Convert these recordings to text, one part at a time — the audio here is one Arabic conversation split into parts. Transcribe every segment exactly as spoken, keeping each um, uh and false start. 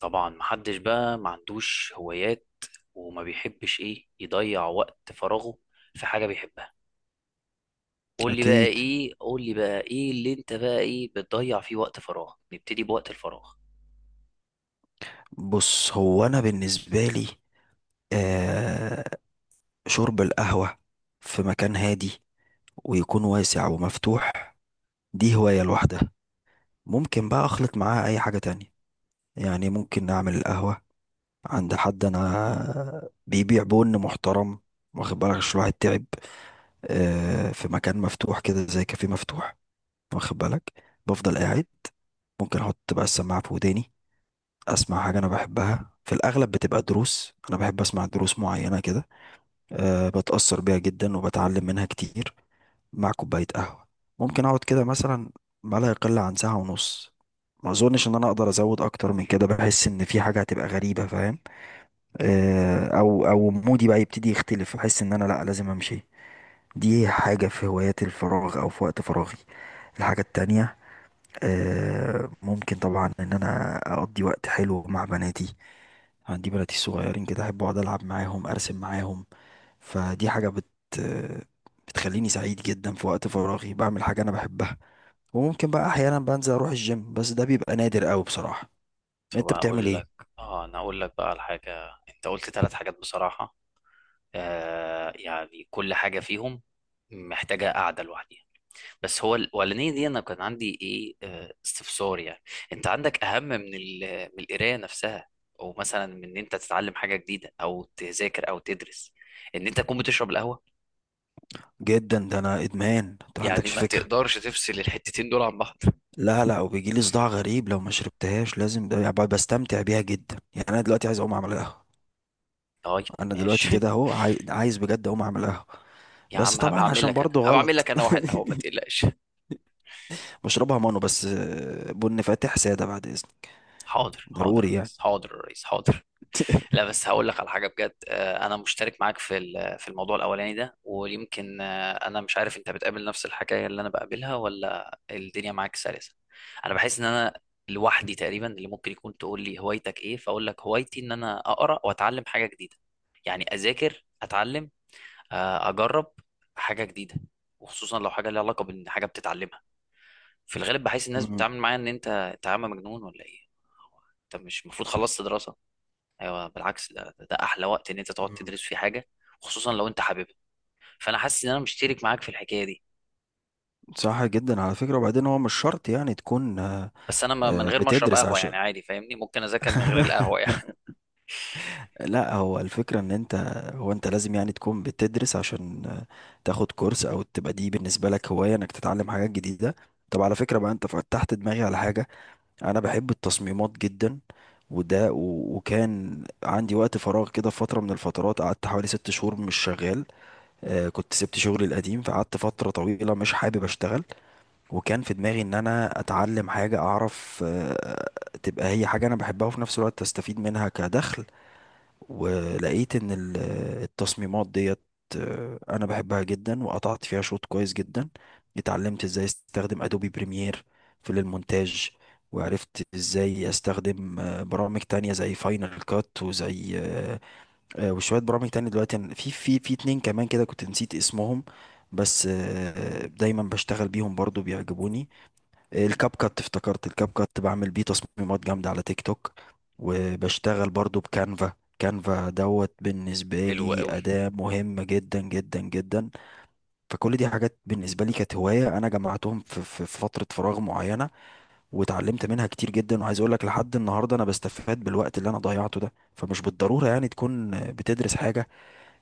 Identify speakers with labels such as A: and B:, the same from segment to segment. A: طبعا، محدش بقى ما عندوش هوايات، وما بيحبش ايه يضيع وقت فراغه في حاجة بيحبها. قول لي بقى
B: أكيد.
A: ايه، قول لي بقى ايه اللي انت بقى ايه بتضيع فيه وقت فراغ. نبتدي بوقت الفراغ.
B: بص، هو أنا بالنسبة لي آه شرب القهوة في مكان هادي، ويكون واسع ومفتوح. دي هواية لوحدها. ممكن بقى أخلط معاها أي حاجة تانية، يعني ممكن أعمل القهوة عند حد أنا بيبيع بن محترم، واخد بالك؟ عشان الواحد تعب. آه في مكان مفتوح كده، زي كافيه مفتوح، واخد بالك، بفضل قاعد. ممكن أحط بقى السماعة في وداني، أسمع حاجة أنا بحبها، في الأغلب بتبقى دروس. أنا بحب أسمع دروس معينة كده، أه بتأثر بيها جدا وبتعلم منها كتير، مع كوباية قهوة. ممكن أقعد كده مثلا ما لا يقل عن ساعة ونص. ما أظنش إن أنا أقدر أزود أكتر من كده، بحس إن في حاجة هتبقى غريبة، فاهم؟ أه أو أو مودي بقى يبتدي يختلف، بحس إن أنا لأ، لازم أمشي. دي حاجة في هوايات الفراغ أو في وقت فراغي. الحاجة التانية، آه، ممكن طبعا إن أنا أقضي وقت حلو مع بناتي. عندي بناتي الصغيرين كده، أحب أقعد ألعب معاهم، أرسم معاهم. فدي حاجة بت بتخليني سعيد جدا. في وقت فراغي بعمل حاجة أنا بحبها. وممكن بقى أحيانا بنزل أروح الجيم، بس ده بيبقى نادر أوي بصراحة. أنت
A: فبقى
B: بتعمل
A: اقول
B: إيه؟
A: لك، اه انا اقول لك بقى على حاجة. انت قلت ثلاث حاجات بصراحة. آه يعني كل حاجة فيهم محتاجة قعدة لوحديها. بس هو الاولانيه دي انا كان عندي ايه، آه، استفسار يعني. انت عندك اهم من ال- من القرايه نفسها، او مثلا من ان انت تتعلم حاجه جديده او تذاكر او تدرس، ان انت تكون بتشرب القهوه؟
B: جدا، ده أنا إدمان، أنت ما
A: يعني
B: عندكش
A: ما
B: فكرة.
A: تقدرش تفصل الحتتين دول عن بعض.
B: لا، لا، وبيجيلي صداع غريب لو ما شربتهاش، لازم. ده يعني بستمتع بيها جدا. يعني أنا دلوقتي عايز أقوم أعمل قهوة.
A: طيب.
B: أنا دلوقتي
A: ماشي.
B: كده أهو عاي- عايز بجد أقوم أعمل قهوة.
A: يا
B: بس
A: عم هبقى
B: طبعا
A: اعمل
B: عشان
A: لك انا،
B: برضو
A: هبقى اعمل
B: غلط.
A: لك انا واحد قهوه، ما تقلقش.
B: بشربها مانو، بس آه، بن فاتح سادة بعد إذنك.
A: حاضر حاضر يا
B: ضروري يعني.
A: ريس، حاضر يا ريس، حاضر. لا، بس هقول لك على حاجه بجد. آه، انا مشترك معاك في ال- في الموضوع الاولاني ده، ويمكن، آه، انا مش عارف انت بتقابل نفس الحكايه اللي انا بقابلها ولا الدنيا معاك سلسه. انا بحس ان انا لوحدي تقريبا اللي ممكن يكون. تقول لي هوايتك ايه، فاقول لك هوايتي ان انا اقرا واتعلم حاجه جديده. يعني اذاكر، اتعلم، آه، اجرب حاجه جديده، وخصوصا لو حاجه ليها علاقه بحاجه بتتعلمها. في الغالب بحس الناس بتتعامل معايا ان انت انت يا عم مجنون ولا ايه؟ انت مش المفروض خلصت دراسه؟ ايوه، بالعكس، ده, ده, ده احلى وقت ان انت تقعد
B: مم.
A: تدرس فيه حاجه، خصوصا لو انت حاببها. فانا حاسس ان انا مشترك معاك في الحكايه دي.
B: صح جدا على فكرة. وبعدين هو مش شرط يعني تكون آه،
A: بس انا ما- من
B: آه،
A: غير ما اشرب
B: بتدرس
A: قهوه
B: عشان.
A: يعني عادي، فاهمني؟ ممكن اذاكر من غير القهوه يعني.
B: لا، هو الفكرة ان انت هو انت لازم يعني تكون بتدرس عشان آه، تاخد كورس، او تبقى دي بالنسبة لك هواية انك تتعلم حاجات جديدة. طب على فكرة بقى، انت فتحت دماغي على حاجة. انا بحب التصميمات جدا. وده و- وكان عندي وقت فراغ كده، في فترة من الفترات قعدت حوالي ست شهور مش شغال. آه، كنت سبت شغلي القديم، فقعدت فترة طويلة مش حابب اشتغل. وكان في دماغي ان انا اتعلم حاجة، اعرف آه، تبقى هي حاجة انا بحبها، وفي نفس الوقت استفيد منها كدخل. ولقيت ان ال- التصميمات ديت، آه، انا بحبها جدا وقطعت فيها شوط كويس جدا. اتعلمت ازاي استخدم ادوبي بريمير في المونتاج، وعرفت ازاي استخدم آه، برامج تانية زي فاينل كات، وزي آه، آه، وشوية برامج تانية. دلوقتي أنا- في في في اتنين كمان كده كنت نسيت اسمهم. بس آه، دايما بشتغل بيهم، برضو بيعجبوني. الكاب كات، افتكرت الكاب كات، بعمل بيه تصميمات جامدة على تيك توك. وبشتغل برضو بكانفا، كانفا دوت بالنسبة
A: حلو
B: لي
A: قوي.
B: أداة مهمة جدا جدا جدا. فكل دي حاجات بالنسبة لي كانت هواية، أنا جمعتهم في, في في فترة فراغ معينة، وتعلمت منها كتير جدا. وعايز أقول لك، لحد النهاردة أنا بستفاد بالوقت اللي أنا ضيعته ده. فمش بالضرورة يعني تكون بتدرس حاجة،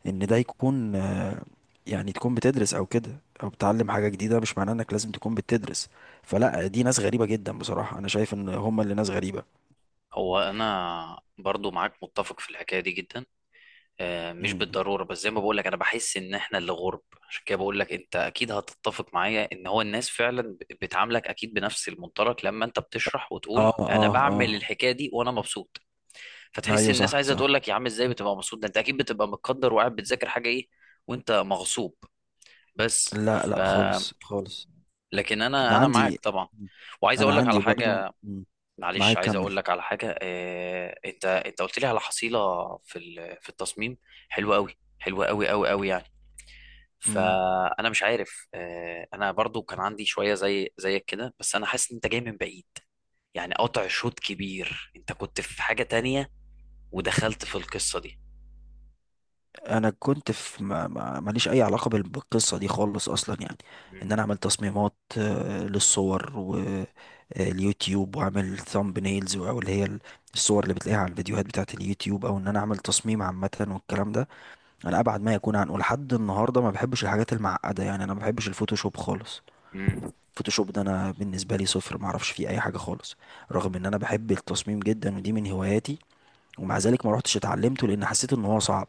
B: ان ده يكون آه، يعني تكون بتدرس او كده، او بتعلم حاجة جديدة. مش معناه انك لازم تكون بتدرس. فلا، دي ناس غريبة جدا بصراحة، انا شايف ان هم اللي ناس غريبة.
A: هو انا برضو معاك متفق في الحكايه دي جدا. آه، مش
B: مم.
A: بالضروره، بس زي ما بقول لك انا بحس ان احنا اللي غرب. عشان كده بقول لك انت اكيد هتتفق معايا ان هو الناس فعلا ب- بتعاملك اكيد بنفس المنطلق، لما انت بتشرح وتقول
B: اه،
A: انا
B: اه،
A: بعمل
B: اه.
A: الحكايه دي وانا مبسوط، فتحس
B: ايوه،
A: الناس
B: صح،
A: عايزه تقول
B: صح.
A: لك يا عم ازاي بتبقى مبسوط؟ ده انت اكيد بتبقى متقدر وقاعد بتذاكر حاجه ايه، وانت مغصوب. بس
B: لا،
A: ف
B: لا، خالص، خالص.
A: لكن انا
B: انا
A: انا معاك
B: عندي
A: طبعا، وعايز
B: انا
A: اقول لك على
B: عندي برضو.
A: حاجه.
B: مم.
A: معلش
B: معاك،
A: عايز
B: كمل.
A: اقول لك على حاجه. آه... انت انت قلت لي على حصيله في ال... في التصميم. حلوه قوي، حلوه قوي قوي قوي يعني.
B: مم.
A: فانا مش عارف، آه... انا برضو كان عندي شويه زي زيك كده، بس انا حاسس ان انت جاي من بعيد، يعني قطع شوط كبير. انت كنت في حاجه تانية، ودخلت في القصه دي.
B: انا كنت في ما ما- ماليش اي علاقه بال- بالقصه دي خالص اصلا، يعني
A: مم.
B: ان انا اعمل تصميمات آه، للصور واليوتيوب، واعمل ثامب نيلز، او اللي هي ال- الصور اللي بتلاقيها على الفيديوهات بتاعت اليوتيوب، او ان انا اعمل تصميم عامه والكلام ده. انا ابعد ما يكون عنه لحد النهارده. ما بحبش الحاجات المعقده، يعني انا ما بحبش الفوتوشوب خالص.
A: مم.
B: الفوتوشوب ده انا بالنسبه لي صفر، ما اعرفش فيه اي حاجه خالص. رغم ان انا بحب التصميم جدا، ودي من هواياتي، ومع ذلك ما روحتش اتعلمته، لان حسيت ان هو صعب،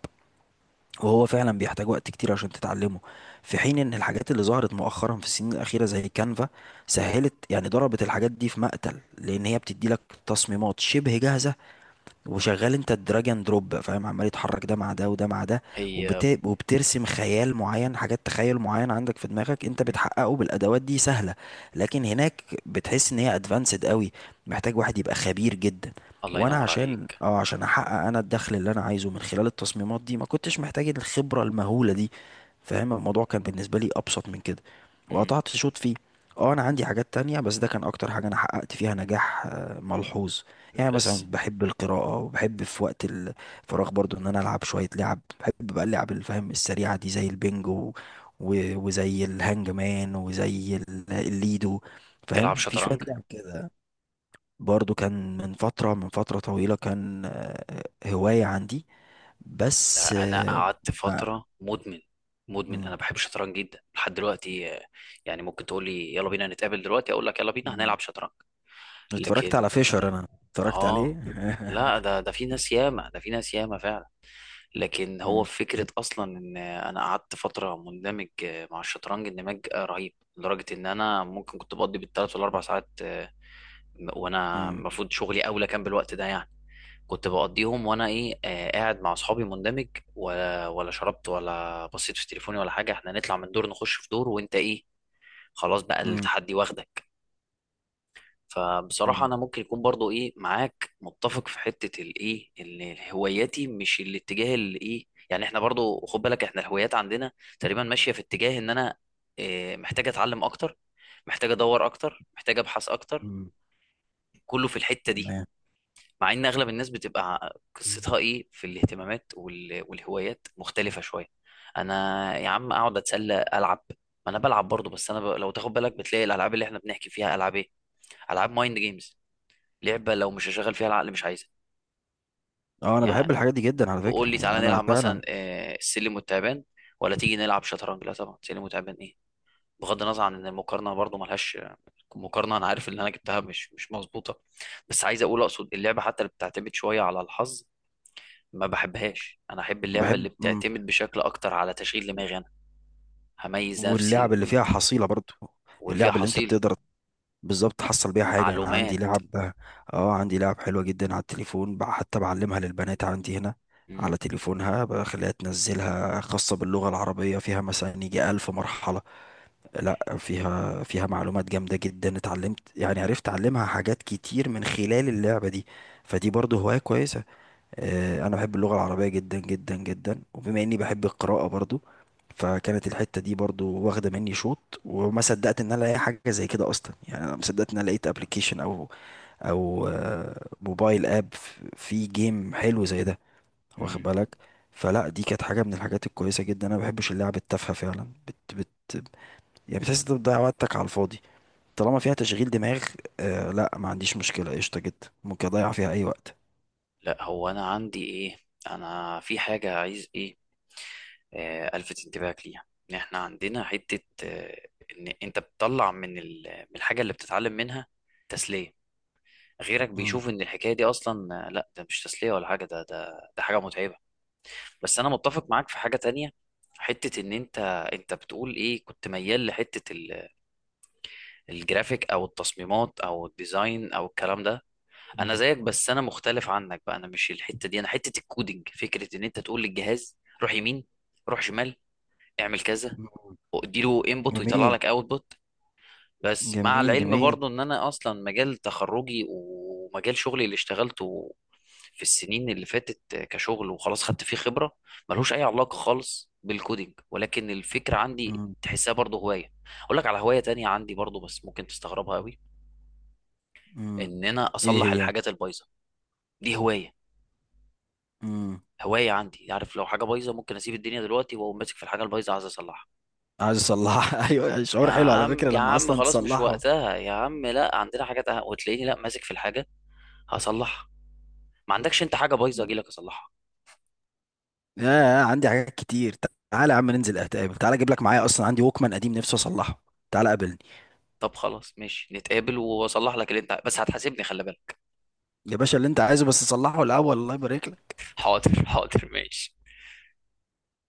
A: مم.
B: وهو فعلا بيحتاج وقت كتير عشان تتعلمه. في حين ان الحاجات اللي ظهرت مؤخرا في السنين الاخيره زي كانفا، سهلت، يعني ضربت الحاجات دي في مقتل، لان هي بتدي لك تصميمات شبه جاهزه. وشغال انت الدراج اند دروب، فاهم، عمال يتحرك ده مع ده، وده مع ده.
A: هي.
B: وبت... وبترسم خيال معين، حاجات تخيل معين عندك في دماغك، انت
A: مم.
B: بتحققه بالادوات دي سهله. لكن هناك بتحس ان هي ادفانسد قوي، محتاج واحد يبقى خبير جدا.
A: الله
B: وانا
A: ينور
B: عشان
A: عليك.
B: اه عشان احقق انا الدخل اللي انا عايزه من خلال التصميمات دي، ما كنتش محتاج الخبره المهوله دي، فاهم؟ الموضوع كان بالنسبه لي ابسط من كده.
A: مم.
B: وقطعت شوط فيه. اه، انا عندي حاجات تانية، بس ده كان اكتر حاجه انا حققت فيها نجاح آه، ملحوظ. يعني مثلا
A: بس.
B: بحب القراءة. وبحب في وقت الفراغ برضو ان انا العب شوية لعب، بحب بقى اللعب اللي، فاهم، السريعة دي، زي البنجو و- وزي الهانج مان، وزي ال- الليدو،
A: تلعب
B: فاهم، في شوية
A: شطرنج؟
B: لعب كده. برضو كان من فترة من فترة طويلة، كان آه، هواية عندي. بس،
A: لا، انا
B: آه،
A: قعدت
B: آه،
A: فتره مدمن. مدمن.
B: مم،
A: انا بحب الشطرنج جدا لحد دلوقتي. آه، يعني ممكن تقول لي يلا بينا نتقابل دلوقتي، اقول لك يلا بينا
B: مم.
A: هنلعب شطرنج.
B: اتفرجت على
A: لكن.
B: فيشر انا،
A: اه.
B: اتفرجت عليه.
A: آه. لا، ده ده في ناس ياما، ده في ناس ياما فعلا. لكن هو
B: مم،
A: فكرة أصلا إن أنا قعدت فترة مندمج، آه، مع الشطرنج اندماج، آه، رهيب لدرجة إن أنا ممكن كنت بقضي بالثلاث والأربع ساعات، وانا
B: مم،
A: المفروض شغلي اولى كان بالوقت ده يعني. كنت بقضيهم وانا ايه، آه قاعد مع اصحابي مندمج، ولا ولا شربت ولا بصيت في تليفوني ولا حاجه. احنا نطلع من دور نخش في دور، وانت ايه، خلاص بقى
B: مم،
A: التحدي واخدك. فبصراحه
B: مم،
A: انا ممكن يكون برضو ايه معاك متفق في حته الايه، ان هواياتي مش الاتجاه اللي ايه يعني. احنا برضو خد بالك، احنا الهوايات عندنا تقريبا ماشيه في اتجاه ان انا آه محتاج اتعلم اكتر، محتاج ادور اكتر، محتاج ابحث اكتر،
B: مم.
A: كله في الحته دي.
B: تمام.
A: مع ان اغلب الناس بتبقى
B: مم.
A: قصتها ايه في الاهتمامات وال- والهوايات مختلفه شويه. انا يا عم اقعد اتسلى العب. ما انا بلعب برضه، بس انا ب... لو تاخد بالك بتلاقي الالعاب اللي احنا بنحكي فيها العاب ايه؟ العاب مايند جيمز. لعبه لو مش هشغل فيها العقل مش عايزها
B: اه، انا بحب
A: يعني.
B: الحاجات دي جدا على
A: تقول
B: فكرة،
A: لي
B: يعني
A: تعالى
B: انا
A: نلعب مثلا
B: فعلا.
A: آه، السلم والتعبان، ولا تيجي نلعب شطرنج؟ لا طبعا، سلم وتعبان ايه؟ بغض النظر عن ان المقارنه برضه ملهاش مقارنه، انا عارف ان انا جبتها مش مش مظبوطه، بس عايز اقول، اقصد اللعبه حتى اللي بتعتمد شويه على الحظ ما بحبهاش. انا احب اللعبه
B: وبحب،
A: اللي
B: مم.
A: بتعتمد بشكل اكتر على تشغيل دماغي انا، هميز نفسي
B: واللعب اللي فيها
A: وانت،
B: حصيلة برضو،
A: واللي فيها
B: اللعب اللي انت
A: حصيله
B: بتقدر بالظبط تحصل بيها حاجة. انا عندي
A: معلومات.
B: لعب اه عندي لعب حلوة جدا على التليفون، بع- حتى بعلمها للبنات عندي هنا.
A: مم.
B: على تليفونها بخليها تنزلها، خاصة باللغة العربية، فيها مثلا يجي ألف مرحلة. لا، فيها فيها معلومات جامدة جدا، اتعلمت، يعني عرفت أعلمها حاجات كتير من خلال اللعبة دي. فدي برضو هواية كويسة. آه، انا بحب اللغه العربيه جدا جدا جدا، وبما اني بحب القراءه برضو، فكانت الحته دي برضو واخده مني شوط. وما صدقت ان انا الاقي حاجه زي كده اصلا، يعني انا ما صدقت ان انا لقيت ابلكيشن او او آه، موبايل اب فيه جيم حلو زي ده، واخد
A: مم.
B: بالك؟ فلا، دي كانت حاجه من الحاجات الكويسه جدا. انا ما بحبش اللعب التافهه فعلا، بت بت يعني بتحس انت بتضيع وقتك على الفاضي. طالما فيها تشغيل دماغ، آه، لا، ما عنديش مشكله، قشطه جدا، ممكن اضيع فيها اي وقت.
A: لا، هو انا عندي ايه، انا في حاجه عايز ايه، آه الفت انتباهك ليها، ان احنا عندنا حته، آه ان انت بتطلع من ال- من الحاجه اللي بتتعلم منها تسليه. غيرك
B: مم.
A: بيشوف ان الحكايه دي اصلا، آه، لا، ده مش تسليه ولا حاجه، ده ده ده حاجه متعبه. بس انا متفق معاك في حاجه تانية. حته ان انت، انت بتقول ايه، كنت ميال لحته ال- الجرافيك او التصميمات او الديزاين او الكلام ده. انا زيك، بس انا مختلف عنك بقى، انا مش الحته دي، انا حته الكودينج. فكره ان انت تقول للجهاز روح يمين، روح شمال، اعمل كذا،
B: مم.
A: واديله انبوت ويطلع
B: جميل،
A: لك اوتبوت. بس مع
B: جميل،
A: العلم
B: جميل.
A: برضو ان انا اصلا مجال تخرجي ومجال شغلي اللي اشتغلته في السنين اللي فاتت كشغل وخلاص خدت فيه خبرة، ملهوش اي علاقة خالص بالكودينج. ولكن الفكرة عندي
B: مم.
A: تحسها برضو هواية. اقول لك على هواية تانية عندي برضو، بس ممكن تستغربها قوي.
B: مم.
A: ان انا
B: ايه
A: اصلح
B: هي؟
A: الحاجات البايظة. دي هواية،
B: مم.
A: هواية عندي عارف. لو حاجة بايظة ممكن اسيب الدنيا دلوقتي واقوم ماسك في الحاجة البايظة عايز اصلحها.
B: عايز اصلحها. ايوه،
A: يا
B: شعور حلو على
A: عم
B: فكرة
A: يا
B: لما
A: عم
B: اصلا
A: خلاص مش
B: تصلحه.
A: وقتها يا عم، لا عندنا حاجات أهم. وتلاقيني لا ماسك في الحاجة، هصلحها. ما عندكش انت حاجه بايظه اجي لك اصلحها؟
B: يا، عندي حاجات كتير، تعالى يا عم، ننزل اتقابل، تعالى اجيب لك معايا اصلا عندي ووكمان قديم نفسي اصلحه. تعالى قابلني
A: طب خلاص، ماشي، نتقابل واصلح لك اللي انت، بس هتحاسبني خلي بالك.
B: يا باشا، اللي انت عايزه بس صلحه الاول، الله يبارك لك.
A: حاضر حاضر ماشي.